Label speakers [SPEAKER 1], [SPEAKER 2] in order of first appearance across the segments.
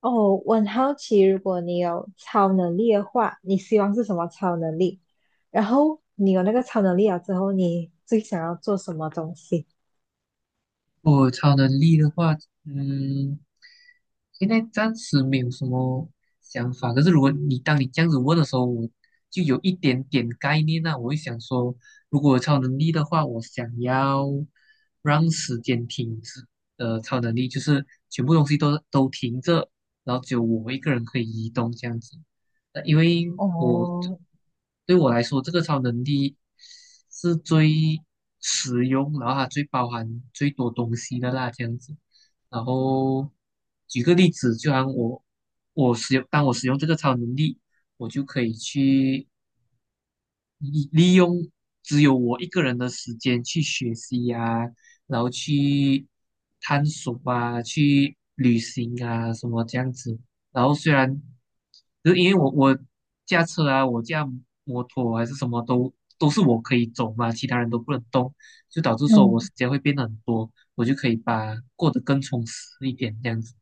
[SPEAKER 1] 哦，我很好奇，如果你有超能力的话，你希望是什么超能力？然后你有那个超能力了之后，你最想要做什么东西？
[SPEAKER 2] 我超能力的话，嗯，现在暂时没有什么想法。可是如果当你这样子问的时候，我就有一点点概念那我会想说，如果有超能力的话，我想要让时间停止的超能力，就是全部东西都停着，然后只有我一个人可以移动这样子。因为我
[SPEAKER 1] 哦。
[SPEAKER 2] 对我来说，这个超能力是最实用，然后它最包含最多东西的啦，这样子。然后举个例子，就像我使用，当我使用这个超能力，我就可以去利用只有我一个人的时间去学习呀、然后去探索啊，去旅行啊，什么这样子。然后虽然，就是因为我驾车啊，我驾摩托还是什么都是我可以走嘛，其他人都不能动，就导致说我时
[SPEAKER 1] 嗯。
[SPEAKER 2] 间会变得很多，我就可以把过得更充实一点这样子。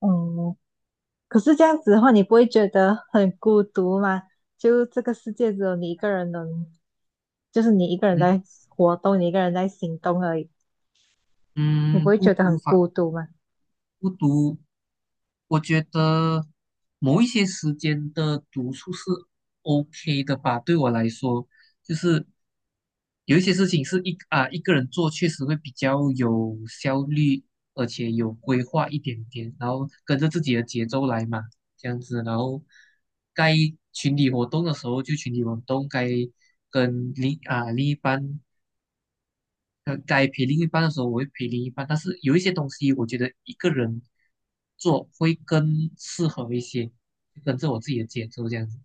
[SPEAKER 1] 哦。可是这样子的话，你不会觉得很孤独吗？就这个世界只有你一个人能就是你一个人
[SPEAKER 2] 嗯
[SPEAKER 1] 在活动，你一个人在行动而已，你不
[SPEAKER 2] 嗯，
[SPEAKER 1] 会
[SPEAKER 2] 不
[SPEAKER 1] 觉得
[SPEAKER 2] 无
[SPEAKER 1] 很
[SPEAKER 2] 法。
[SPEAKER 1] 孤独吗？
[SPEAKER 2] 不读，我觉得某一些时间的读书是 OK 的吧。对我来说，就是有一些事情是一个人做，确实会比较有效率，而且有规划一点点，然后跟着自己的节奏来嘛，这样子。然后该群体活动的时候就群体活动，跟另啊另一半该陪另一半的时候，我会陪另一半。但是有一些东西，我觉得一个人做会更适合一些，就跟着我自己的节奏这样子。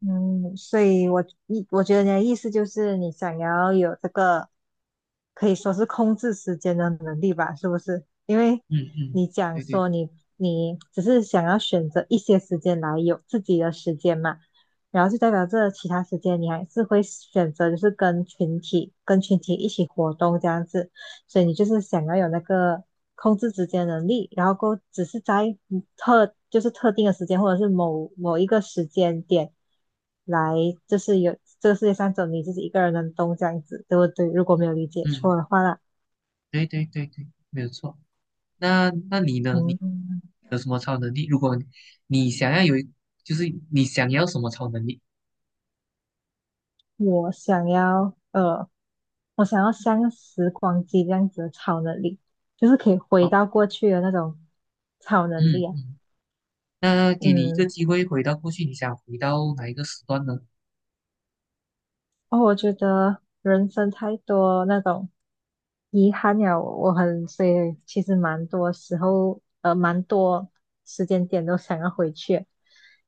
[SPEAKER 1] 嗯，所以我觉得你的意思就是你想要有这个可以说是控制时间的能力吧，是不是？因为
[SPEAKER 2] 嗯嗯，
[SPEAKER 1] 你讲
[SPEAKER 2] 对对，
[SPEAKER 1] 说你只是想要选择一些时间来有自己的时间嘛，然后就代表这其他时间你还是会选择就是跟群体一起活动这样子。所以你就是想要有那个控制时间的能力，然后够只是在特就是特定的时间或者是某一个时间点来，就是有这个世界上只有你自己一个人能动这样子，对不对？如果没有理解错
[SPEAKER 2] 嗯，
[SPEAKER 1] 的话啦，
[SPEAKER 2] 对对对对，没有错。那你呢？你
[SPEAKER 1] 嗯，
[SPEAKER 2] 有什么超能力？如果你想要有一就是你想要什么超能力？
[SPEAKER 1] 我想要呃，我想要像时光机这样子的超能力，就是可以回
[SPEAKER 2] 好，
[SPEAKER 1] 到过去的那种超能
[SPEAKER 2] 嗯
[SPEAKER 1] 力啊。
[SPEAKER 2] 嗯，那给你一个
[SPEAKER 1] 嗯。
[SPEAKER 2] 机会回到过去，你想回到哪一个时段呢？
[SPEAKER 1] 哦，我觉得人生太多那种遗憾了，所以其实蛮多时候，蛮多时间点都想要回去。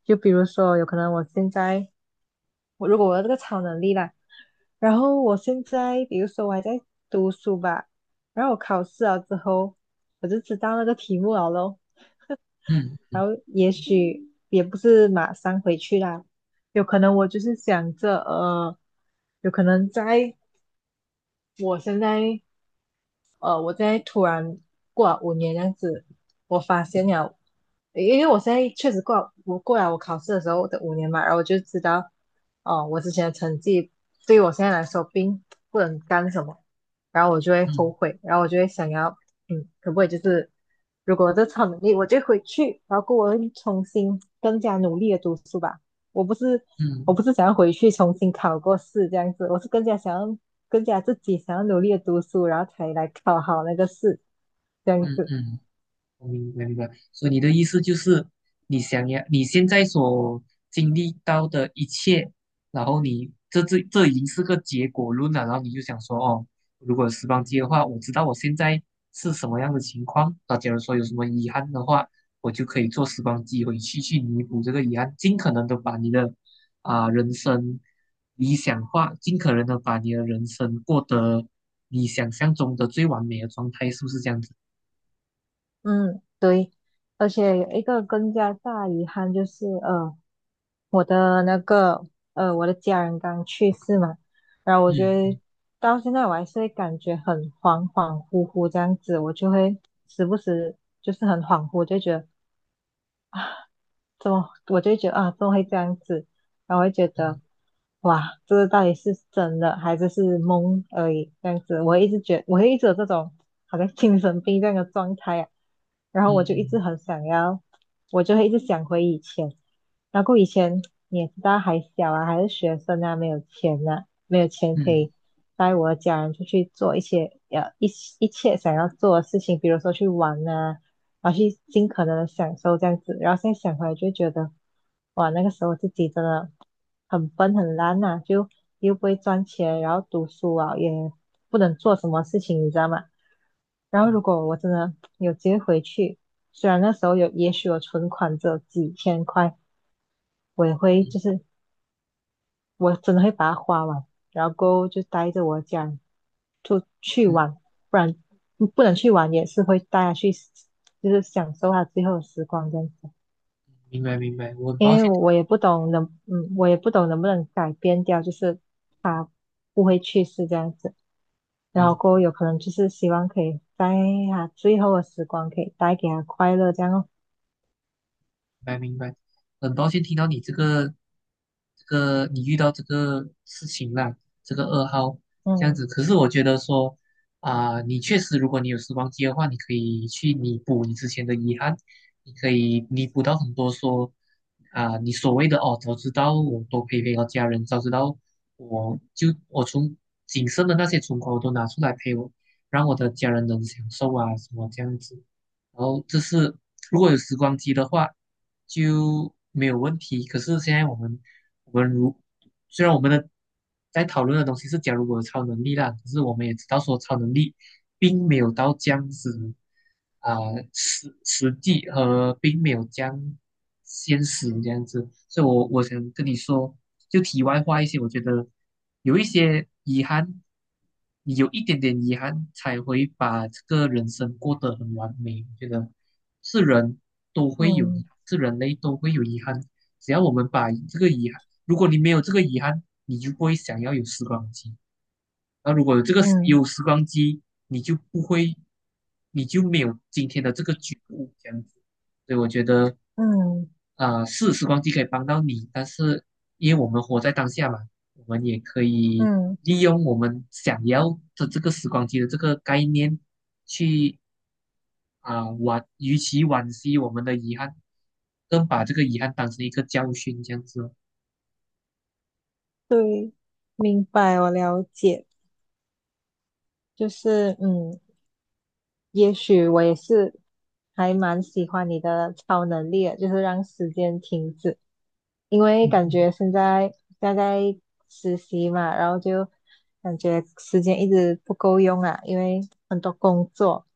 [SPEAKER 1] 就比如说，有可能我现在，如果我有这个超能力啦，然后我现在，比如说我还在读书吧，然后我考试了之后，我就知道那个题目了咯，
[SPEAKER 2] 嗯
[SPEAKER 1] 然后也许也不是马上回去啦。有可能我就是想着，有可能在我现在呃，我现在突然过了五年这样子，我发现了，因为我现在确实过了我考试的时候的五年嘛，然后我就知道，哦、我之前的成绩对于我现在来说并不能干什么，然后我就会后
[SPEAKER 2] 嗯
[SPEAKER 1] 悔，然后我就会想要，嗯，可不可以就是如果我这超能力，我就回去，然后我会重新更加努力的读书吧。我不是我
[SPEAKER 2] 嗯
[SPEAKER 1] 不是想要回去重新考过试这样子，我是更加想要更加自己想要努力的读书，然后才来考好那个试，这样
[SPEAKER 2] 嗯
[SPEAKER 1] 子。
[SPEAKER 2] 嗯。我明白明白，所以你的意思就是，你想要你现在所经历到的一切，然后你这已经是个结果论了，然后你就想说，哦，如果有时光机的话，我知道我现在是什么样的情况，那假如说有什么遗憾的话，我就可以坐时光机回去弥补这个遗憾，尽可能的把你的人生理想化，尽可能的把你的人生过得你想象中的最完美的状态，是不是这样子？
[SPEAKER 1] 嗯，对。而且有一个更加大遗憾就是，我的那个，我的家人刚去世嘛，然后我觉
[SPEAKER 2] 嗯
[SPEAKER 1] 得
[SPEAKER 2] 嗯。
[SPEAKER 1] 到现在我还是会感觉很恍恍惚惚这样子，我就会时不时就是很恍惚，就觉得怎么我就会觉得啊，怎么会这样子？然后我会觉得，
[SPEAKER 2] 嗯
[SPEAKER 1] 哇，这个到底是真的还是梦而已？这样子，我会一直有这种好像精神病这样的状态啊。然后我就一直
[SPEAKER 2] 嗯
[SPEAKER 1] 很想要，我就会一直想回以前。然后以前你也知道还小啊，还是学生啊，没有钱啊，没有钱
[SPEAKER 2] 嗯
[SPEAKER 1] 可
[SPEAKER 2] 嗯，
[SPEAKER 1] 以带我的家人出去做一些呃一一切想要做的事情，比如说去玩啊，然后去尽可能的享受这样子。然后现在想回来就会觉得，哇，那个时候自己真的很笨很烂呐、就又不会赚钱，然后读书啊也不能做什么事情，你知道吗？然后如果我真的有机会回去，虽然那时候有，也许我存款只有几千块，我也会就是我真的会把它花完，然后过后就带着我家人出去
[SPEAKER 2] 嗯嗯
[SPEAKER 1] 玩，不然不能去玩也是会带他去，就是享受他最后的时光这样子。
[SPEAKER 2] 明白明白，我很抱
[SPEAKER 1] 因为
[SPEAKER 2] 歉，
[SPEAKER 1] 我也不懂能不能改变掉，就是不会去世这样子。然后
[SPEAKER 2] 嗯，
[SPEAKER 1] 过后有可能就是希望可以在他最后的时光可以带给他快乐这样哦。
[SPEAKER 2] 明白明白，很抱歉听到你这个你遇到这个事情啦，这个噩耗这样
[SPEAKER 1] 嗯。
[SPEAKER 2] 子。可是我觉得说你确实，如果你有时光机的话，你可以去弥补你之前的遗憾，你可以弥补到很多说你所谓的哦，早知道我多陪陪我家人，早知道我从仅剩的那些存款我都拿出来陪我，让我的家人能享受啊什么这样子。然后这是如果有时光机的话就没有问题。可是现在我们虽然我们的在讨论的东西是假如我有超能力啦，可是我们也知道说超能力并没有到这样子啊、实际和并没有这样现实这样子，所以我想跟你说，就题外话一些，我觉得有一些遗憾，你有一点点遗憾才会把这个人生过得很完美，我觉得是人都会有
[SPEAKER 1] 嗯。
[SPEAKER 2] 遗憾，是人类都会有遗憾。只要我们把这个遗憾如果你没有这个遗憾，你就不会想要有时光机。那如果有这个
[SPEAKER 1] 嗯。
[SPEAKER 2] 有时光机，你就不会，你就没有今天的这个觉悟这样子。所以我觉得，
[SPEAKER 1] 嗯。
[SPEAKER 2] 是时光机可以帮到你，但是因为我们活在当下嘛，我们也可以
[SPEAKER 1] 嗯，
[SPEAKER 2] 利用我们想要的这个时光机的这个概念去啊惋，与其惋惜我们的遗憾，更把这个遗憾当成一个教训这样子
[SPEAKER 1] 对，明白，我了解。就是嗯，也许我也是还蛮喜欢你的超能力的，就是让时间停止。因为感
[SPEAKER 2] 嗯
[SPEAKER 1] 觉现在实习嘛，然后就感觉时间一直不够用啊，因为很多工作，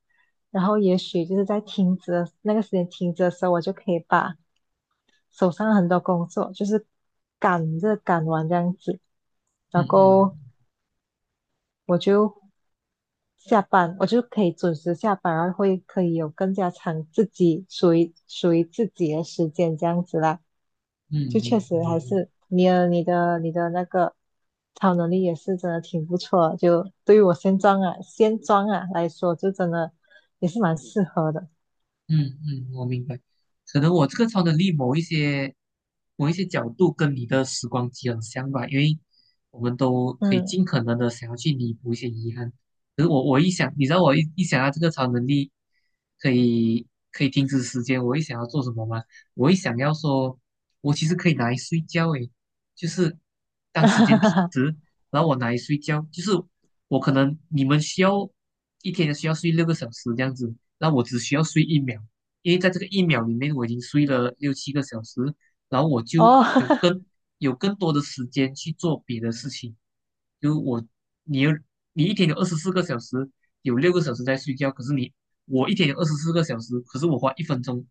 [SPEAKER 1] 然后也许就是在停止的那个时间停止的时候，我就可以把手上很多工作就是赶着赶完这样子，
[SPEAKER 2] 嗯
[SPEAKER 1] 然
[SPEAKER 2] 嗯
[SPEAKER 1] 后我就下班，我就可以准时下班，然后会可以有更加长自己属于自己的时间这样子啦，
[SPEAKER 2] 嗯嗯，
[SPEAKER 1] 就确
[SPEAKER 2] 明白
[SPEAKER 1] 实
[SPEAKER 2] 明
[SPEAKER 1] 还
[SPEAKER 2] 白。
[SPEAKER 1] 是你的那个。超能力也是真的挺不错，就对于我现状啊来说，就真的也是蛮适合的。
[SPEAKER 2] 嗯嗯，我明白。可能我这个超能力某一些角度跟你的时光机很像吧，因为我们都可以
[SPEAKER 1] 嗯，
[SPEAKER 2] 尽可能的想要去弥补一些遗憾。可是我一想，你知道我一想到这个超能力可以停止时间，我一想要做什么吗？我一想要说，我其实可以拿来睡觉诶，就是当时间停止，然后我拿来睡觉，就是我可能你们需要一天需要睡六个小时这样子。那我只需要睡一秒，因为在这个一秒里面我已经睡了6、7个小时，然后我就
[SPEAKER 1] 哦，
[SPEAKER 2] 有更多的时间去做别的事情。就我，你一天有二十四个小时，有六个小时在睡觉，可是我一天有二十四个小时，可是我花一分钟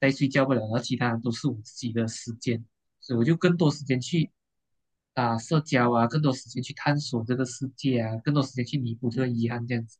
[SPEAKER 2] 在睡觉不了，然后其他都是我自己的时间，所以我就更多时间去社交啊，更多时间去探索这个世界啊，更多时间去弥补这个遗憾这样子。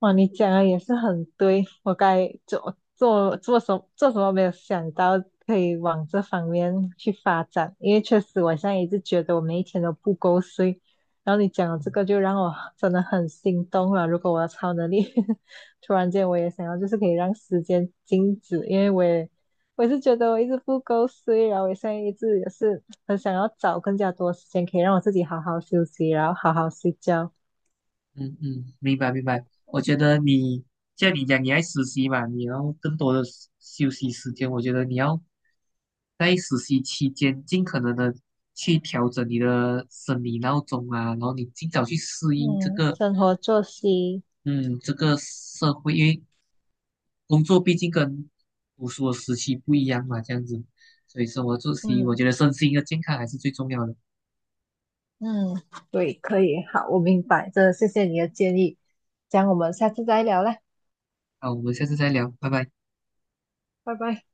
[SPEAKER 1] 哇，你讲的也是很对，我该做什么没有想到可以往这方面去发展，因为确实我现在一直觉得我每一天都不够睡，然后你讲的这个就让我真的很心动了。如果我的超能力 突然间我也想要，就是可以让时间静止，因为我也是觉得我一直不够睡，然后我现在一直也是很想要找更加多时间可以让我自己好好休息，然后好好睡觉。
[SPEAKER 2] 嗯嗯，明白明白。我觉得你像你讲，你爱实习嘛，你要更多的休息时间。我觉得你要在实习期间尽可能的去调整你的生理闹钟啊，然后你尽早去适应
[SPEAKER 1] 嗯，生活作息。
[SPEAKER 2] 这个社会，因为工作毕竟跟读书的时期不一样嘛，这样子。所以生活作息，我
[SPEAKER 1] 嗯
[SPEAKER 2] 觉得身心的健康还是最重要的。
[SPEAKER 1] 嗯，对，可以，好，我明白，真的谢谢你的建议，这样我们下次再聊啦，
[SPEAKER 2] 好，我们下次再聊，拜拜。
[SPEAKER 1] 拜拜。